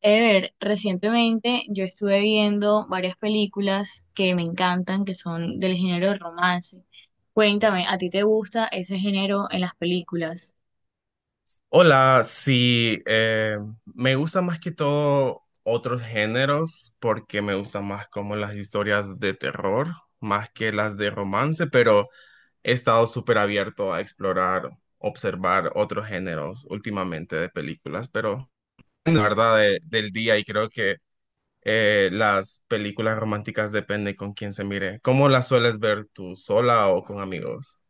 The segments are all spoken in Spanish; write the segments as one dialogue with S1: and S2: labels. S1: Ever, recientemente yo estuve viendo varias películas que me encantan, que son del género de romance. Cuéntame, ¿a ti te gusta ese género en las películas?
S2: Hola, sí, me gustan más que todo otros géneros porque me gustan más como las historias de terror, más que las de romance, pero he estado súper abierto a explorar, observar otros géneros últimamente de películas, pero la verdad del día y creo que las películas románticas depende con quién se mire. ¿Cómo las sueles ver tú, sola o con amigos?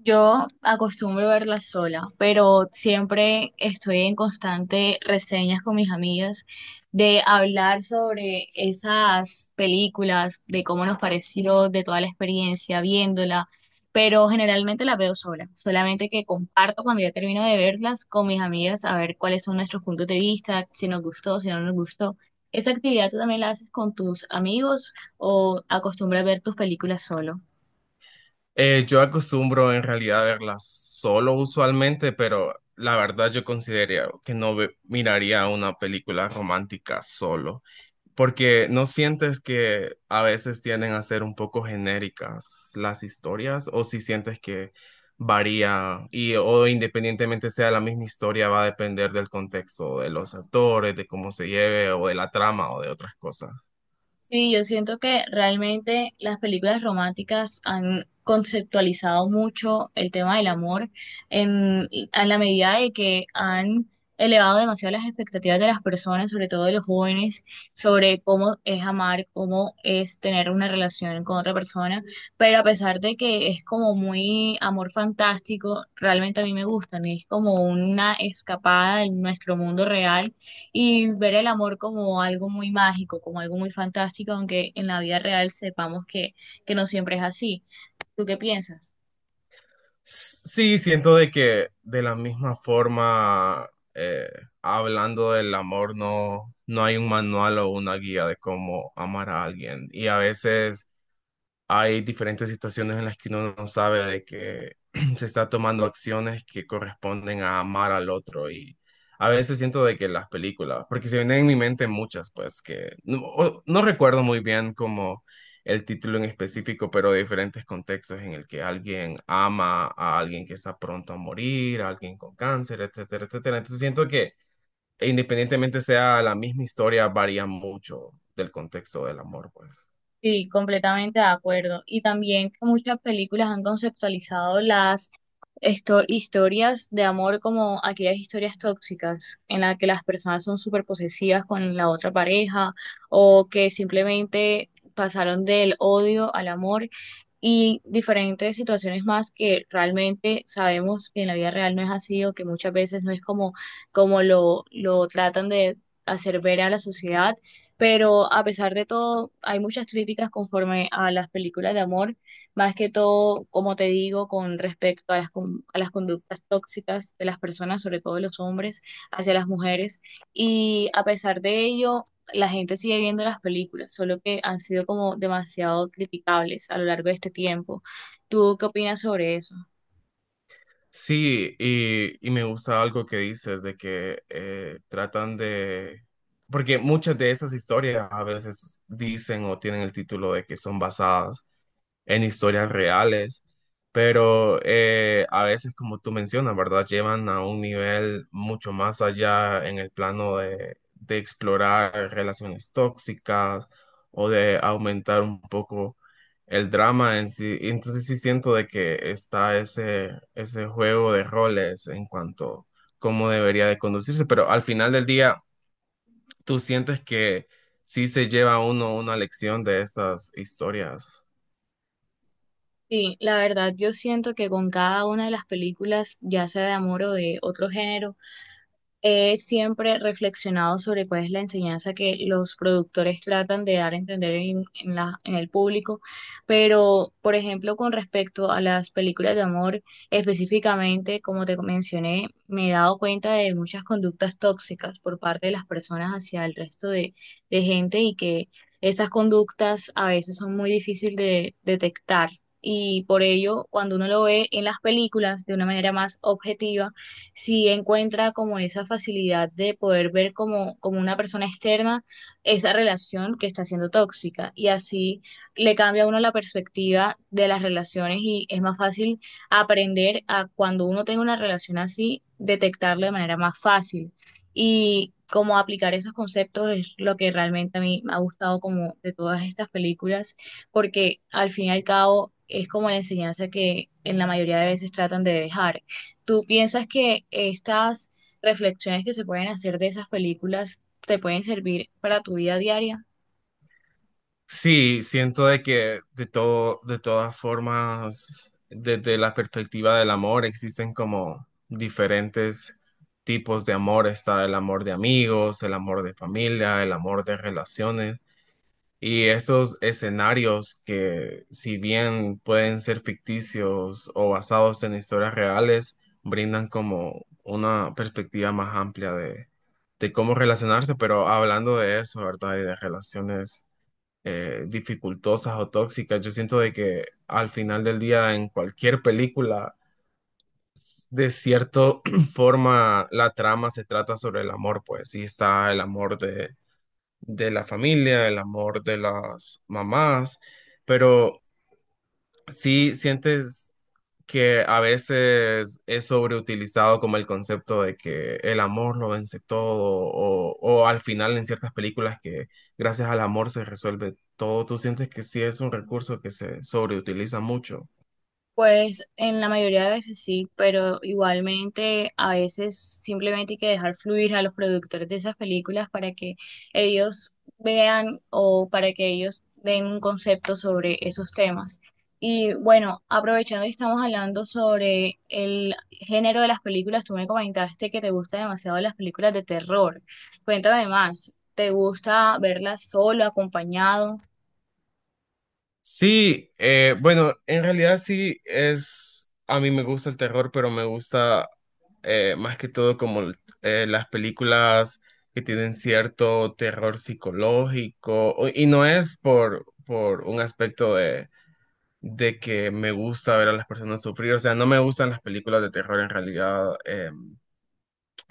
S1: Yo acostumbro verla sola, pero siempre estoy en constante reseñas con mis amigas de hablar sobre esas películas, de cómo nos pareció, de toda la experiencia viéndola, pero generalmente la veo sola, solamente que comparto cuando ya termino de verlas con mis amigas a ver cuáles son nuestros puntos de vista, si nos gustó, si no nos gustó. ¿Esa actividad tú también la haces con tus amigos o acostumbras ver tus películas solo?
S2: Yo acostumbro en realidad verlas solo usualmente, pero la verdad yo consideraría que no ve- miraría una película romántica solo, porque no sientes que a veces tienden a ser un poco genéricas las historias, o si sientes que varía y o independientemente sea la misma historia va a depender del contexto de los actores, de cómo se lleve o de la trama o de otras cosas.
S1: Sí, yo siento que realmente las películas románticas han conceptualizado mucho el tema del amor en, a la medida de que han elevado demasiado las expectativas de las personas, sobre todo de los jóvenes, sobre cómo es amar, cómo es tener una relación con otra persona, pero a pesar de que es como muy amor fantástico, realmente a mí me gustan, es como una escapada de nuestro mundo real y ver el amor como algo muy mágico, como algo muy fantástico, aunque en la vida real sepamos que no siempre es así. ¿Tú qué piensas?
S2: Sí, siento de que de la misma forma, eh, hablando del amor, no, no hay un manual o una guía de cómo amar a alguien. Y a veces hay diferentes situaciones en las que uno no sabe de que se está tomando acciones que corresponden a amar al otro y a veces siento de que las películas, porque se vienen en mi mente muchas, pues que no, no recuerdo muy bien como el título en específico, pero de diferentes contextos en el que alguien ama a alguien que está pronto a morir, a alguien con cáncer, etcétera, etcétera. Entonces siento que independientemente sea la misma historia, varía mucho del contexto del amor, pues.
S1: Sí, completamente de acuerdo. Y también que muchas películas han conceptualizado las historias de amor como aquellas historias tóxicas en las que las personas son súper posesivas con la otra pareja o que simplemente pasaron del odio al amor y diferentes situaciones más que realmente sabemos que en la vida real no es así o que muchas veces no es como, como lo tratan de hacer ver a la sociedad, pero a pesar de todo, hay muchas críticas conforme a las películas de amor, más que todo, como te digo, con respecto a a las conductas tóxicas de las personas, sobre todo de los hombres, hacia las mujeres. Y a pesar de ello, la gente sigue viendo las películas, solo que han sido como demasiado criticables a lo largo de este tiempo. ¿Tú qué opinas sobre eso?
S2: Sí, y me gusta algo que dices de que tratan de, porque muchas de esas historias a veces dicen o tienen el título de que son basadas en historias reales, pero a veces, como tú mencionas, ¿verdad? Llevan a un nivel mucho más allá en el plano de explorar relaciones tóxicas o de aumentar un poco el drama en sí. Entonces sí siento de que está ese, ese juego de roles en cuanto cómo debería de conducirse, pero al final del día, ¿tú sientes que sí se lleva uno una lección de estas historias?
S1: Sí, la verdad, yo siento que con cada una de las películas, ya sea de amor o de otro género, he siempre reflexionado sobre cuál es la enseñanza que los productores tratan de dar a entender en el público, pero por ejemplo con respecto a las películas de amor, específicamente, como te mencioné, me he dado cuenta de muchas conductas tóxicas por parte de las personas hacia el resto de gente y que esas conductas a veces son muy difíciles de detectar. Y por ello, cuando uno lo ve en las películas de una manera más objetiva, si encuentra como esa facilidad de poder ver como, como una persona externa esa relación que está siendo tóxica y así le cambia a uno la perspectiva de las relaciones y es más fácil aprender a cuando uno tenga una relación así, detectarlo de manera más fácil. Y como aplicar esos conceptos es lo que realmente a mí me ha gustado como de todas estas películas, porque al fin y al cabo es como la enseñanza que en la mayoría de veces tratan de dejar. ¿Tú piensas que estas reflexiones que se pueden hacer de esas películas te pueden servir para tu vida diaria?
S2: Sí, siento de que de todo, de todas formas, desde la perspectiva del amor, existen como diferentes tipos de amor. Está el amor de amigos, el amor de familia, el amor de relaciones. Y esos escenarios que, si bien pueden ser ficticios o basados en historias reales, brindan como una perspectiva más amplia de cómo relacionarse. Pero hablando de eso, ¿verdad? Y de relaciones dificultosas o tóxicas. Yo siento de que al final del día en cualquier película, de cierta forma, la trama se trata sobre el amor, pues sí está el amor de la familia, el amor de las mamás, pero sí sientes que a veces es sobreutilizado como el concepto de que el amor lo vence todo, o al final en ciertas películas que gracias al amor se resuelve todo. ¿Tú sientes que sí es un recurso que se sobreutiliza mucho?
S1: Pues en la mayoría de veces sí, pero igualmente a veces simplemente hay que dejar fluir a los productores de esas películas para que ellos vean o para que ellos den un concepto sobre esos temas. Y bueno, aprovechando y estamos hablando sobre el género de las películas, tú me comentaste que te gustan demasiado las películas de terror. Cuéntame más, ¿te gusta verlas solo, acompañado?
S2: Sí, bueno, en realidad sí es, a mí me gusta el terror, pero me gusta más que todo como las películas que tienen cierto terror psicológico, y no es por un aspecto de que me gusta ver a las personas sufrir, o sea, no me gustan las películas de terror en realidad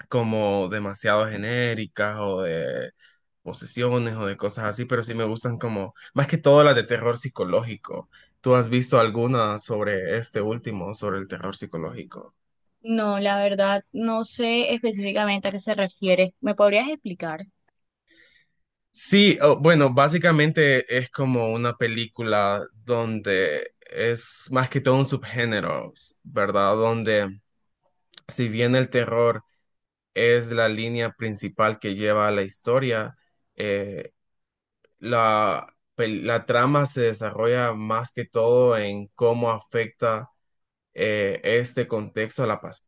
S2: como demasiado genéricas o de posesiones o de cosas así, pero sí me gustan como, más que todo las de terror psicológico. ¿Tú has visto alguna sobre este último, sobre el terror psicológico?
S1: No, la verdad, no sé específicamente a qué se refiere. ¿Me podrías explicar?
S2: Sí, oh, bueno, básicamente es como una película donde es más que todo un subgénero, ¿verdad? Donde si bien el terror es la línea principal que lleva a la historia. Eh, la, la trama se desarrolla más que todo en cómo afecta este contexto a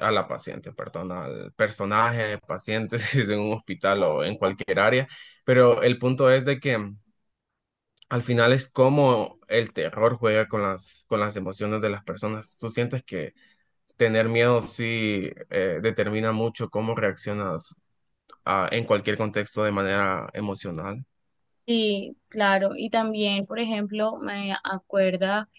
S2: a la paciente, perdón, al personaje, paciente, si es en un hospital o en cualquier área. Pero el punto es de que al final es cómo el terror juega con las emociones de las personas. Tú sientes que tener miedo sí determina mucho cómo reaccionas en cualquier contexto de manera emocional.
S1: Sí, claro. Y también, por ejemplo, me acuerda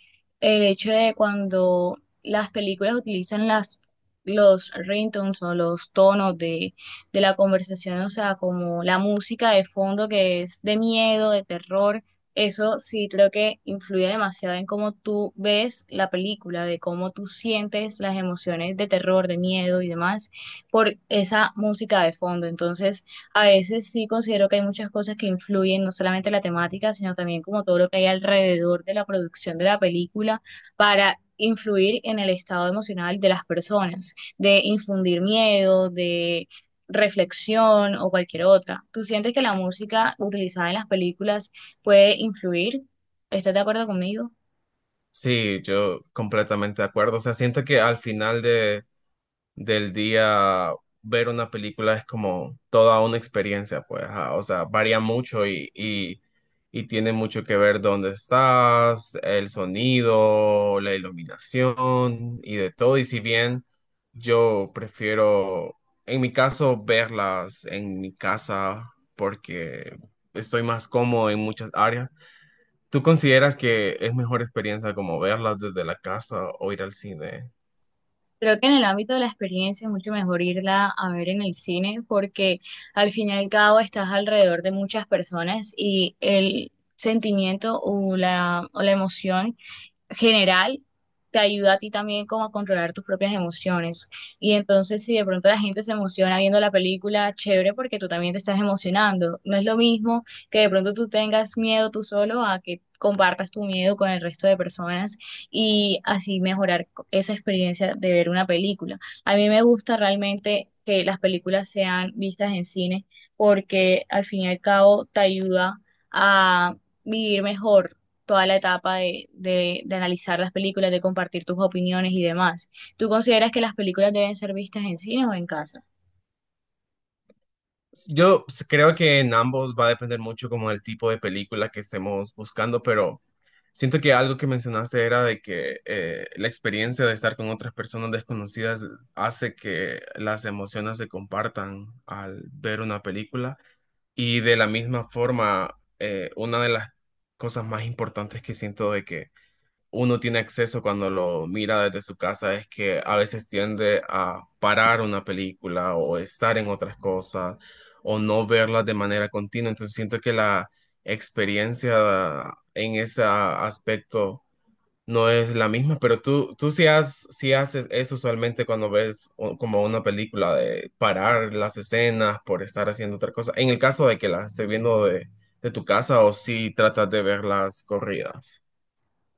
S1: el hecho de cuando las películas utilizan las, los ringtones o los tonos de la conversación, o sea, como la música de fondo que es de miedo, de terror. Eso sí creo que influye demasiado en cómo tú ves la película, de cómo tú sientes las emociones de terror, de miedo y demás por esa música de fondo. Entonces, a veces sí considero que hay muchas cosas que influyen, no solamente la temática, sino también como todo lo que hay alrededor de la producción de la película para influir en el estado emocional de las personas, de infundir miedo, de reflexión o cualquier otra. ¿Tú sientes que la música utilizada en las películas puede influir? ¿Estás de acuerdo conmigo?
S2: Sí, yo completamente de acuerdo. O sea, siento que al final de, del día ver una película es como toda una experiencia, pues, ajá. O sea, varía mucho y tiene mucho que ver dónde estás, el sonido, la iluminación y de todo. Y si bien yo prefiero, en mi caso, verlas en mi casa porque estoy más cómodo en muchas áreas. ¿Tú consideras que es mejor experiencia como verlas desde la casa o ir al cine?
S1: Creo que en el ámbito de la experiencia es mucho mejor irla a ver en el cine porque al fin y al cabo estás alrededor de muchas personas y el sentimiento o la emoción general te ayuda a ti también como a controlar tus propias emociones. Y entonces si de pronto la gente se emociona viendo la película, chévere porque tú también te estás emocionando. No es lo mismo que de pronto tú tengas miedo tú solo a que compartas tu miedo con el resto de personas y así mejorar esa experiencia de ver una película. A mí me gusta realmente que las películas sean vistas en cine porque al fin y al cabo te ayuda a vivir mejor toda la etapa de analizar las películas, de compartir tus opiniones y demás. ¿Tú consideras que las películas deben ser vistas en cine o en casa?
S2: Creo que en ambos va a depender mucho como del tipo de película que estemos buscando, pero siento que algo que mencionaste era de que la experiencia de estar con otras personas desconocidas hace que las emociones se compartan al ver una película y de la misma forma, una de las cosas más importantes que siento de que uno tiene acceso cuando lo mira desde su casa es que a veces tiende a parar una película o estar en otras cosas o no verlas de manera continua. Entonces siento que la experiencia en ese aspecto no es la misma, pero tú sí, sí haces eso usualmente cuando ves como una película de parar las escenas por estar haciendo otra cosa. En el caso de que las estés viendo de tu casa o si tratas de verlas corridas.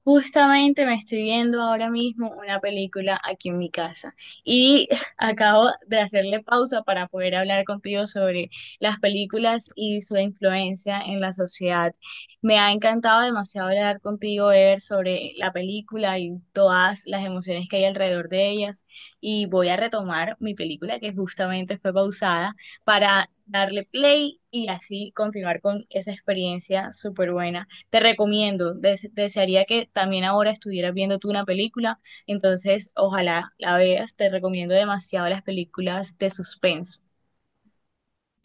S1: Justamente me estoy viendo ahora mismo una película aquí en mi casa y acabo de hacerle pausa para poder hablar contigo sobre las películas y su influencia en la sociedad. Me ha encantado demasiado hablar contigo, Ever, sobre la película y todas las emociones que hay alrededor de ellas y voy a retomar mi película que justamente fue pausada para darle play y así continuar con esa experiencia súper buena. Te recomiendo, desearía que también ahora estuvieras viendo tú una película, entonces ojalá la veas, te recomiendo demasiado las películas de suspenso.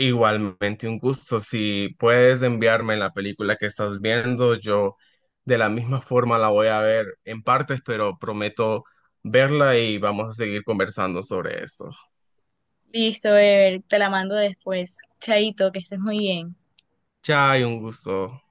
S2: Igualmente un gusto. Si puedes enviarme la película que estás viendo, yo de la misma forma la voy a ver en partes, pero prometo verla y vamos a seguir conversando sobre esto.
S1: Listo, Ever, te la mando después. Chaito, que estés muy bien.
S2: Chao, y un gusto.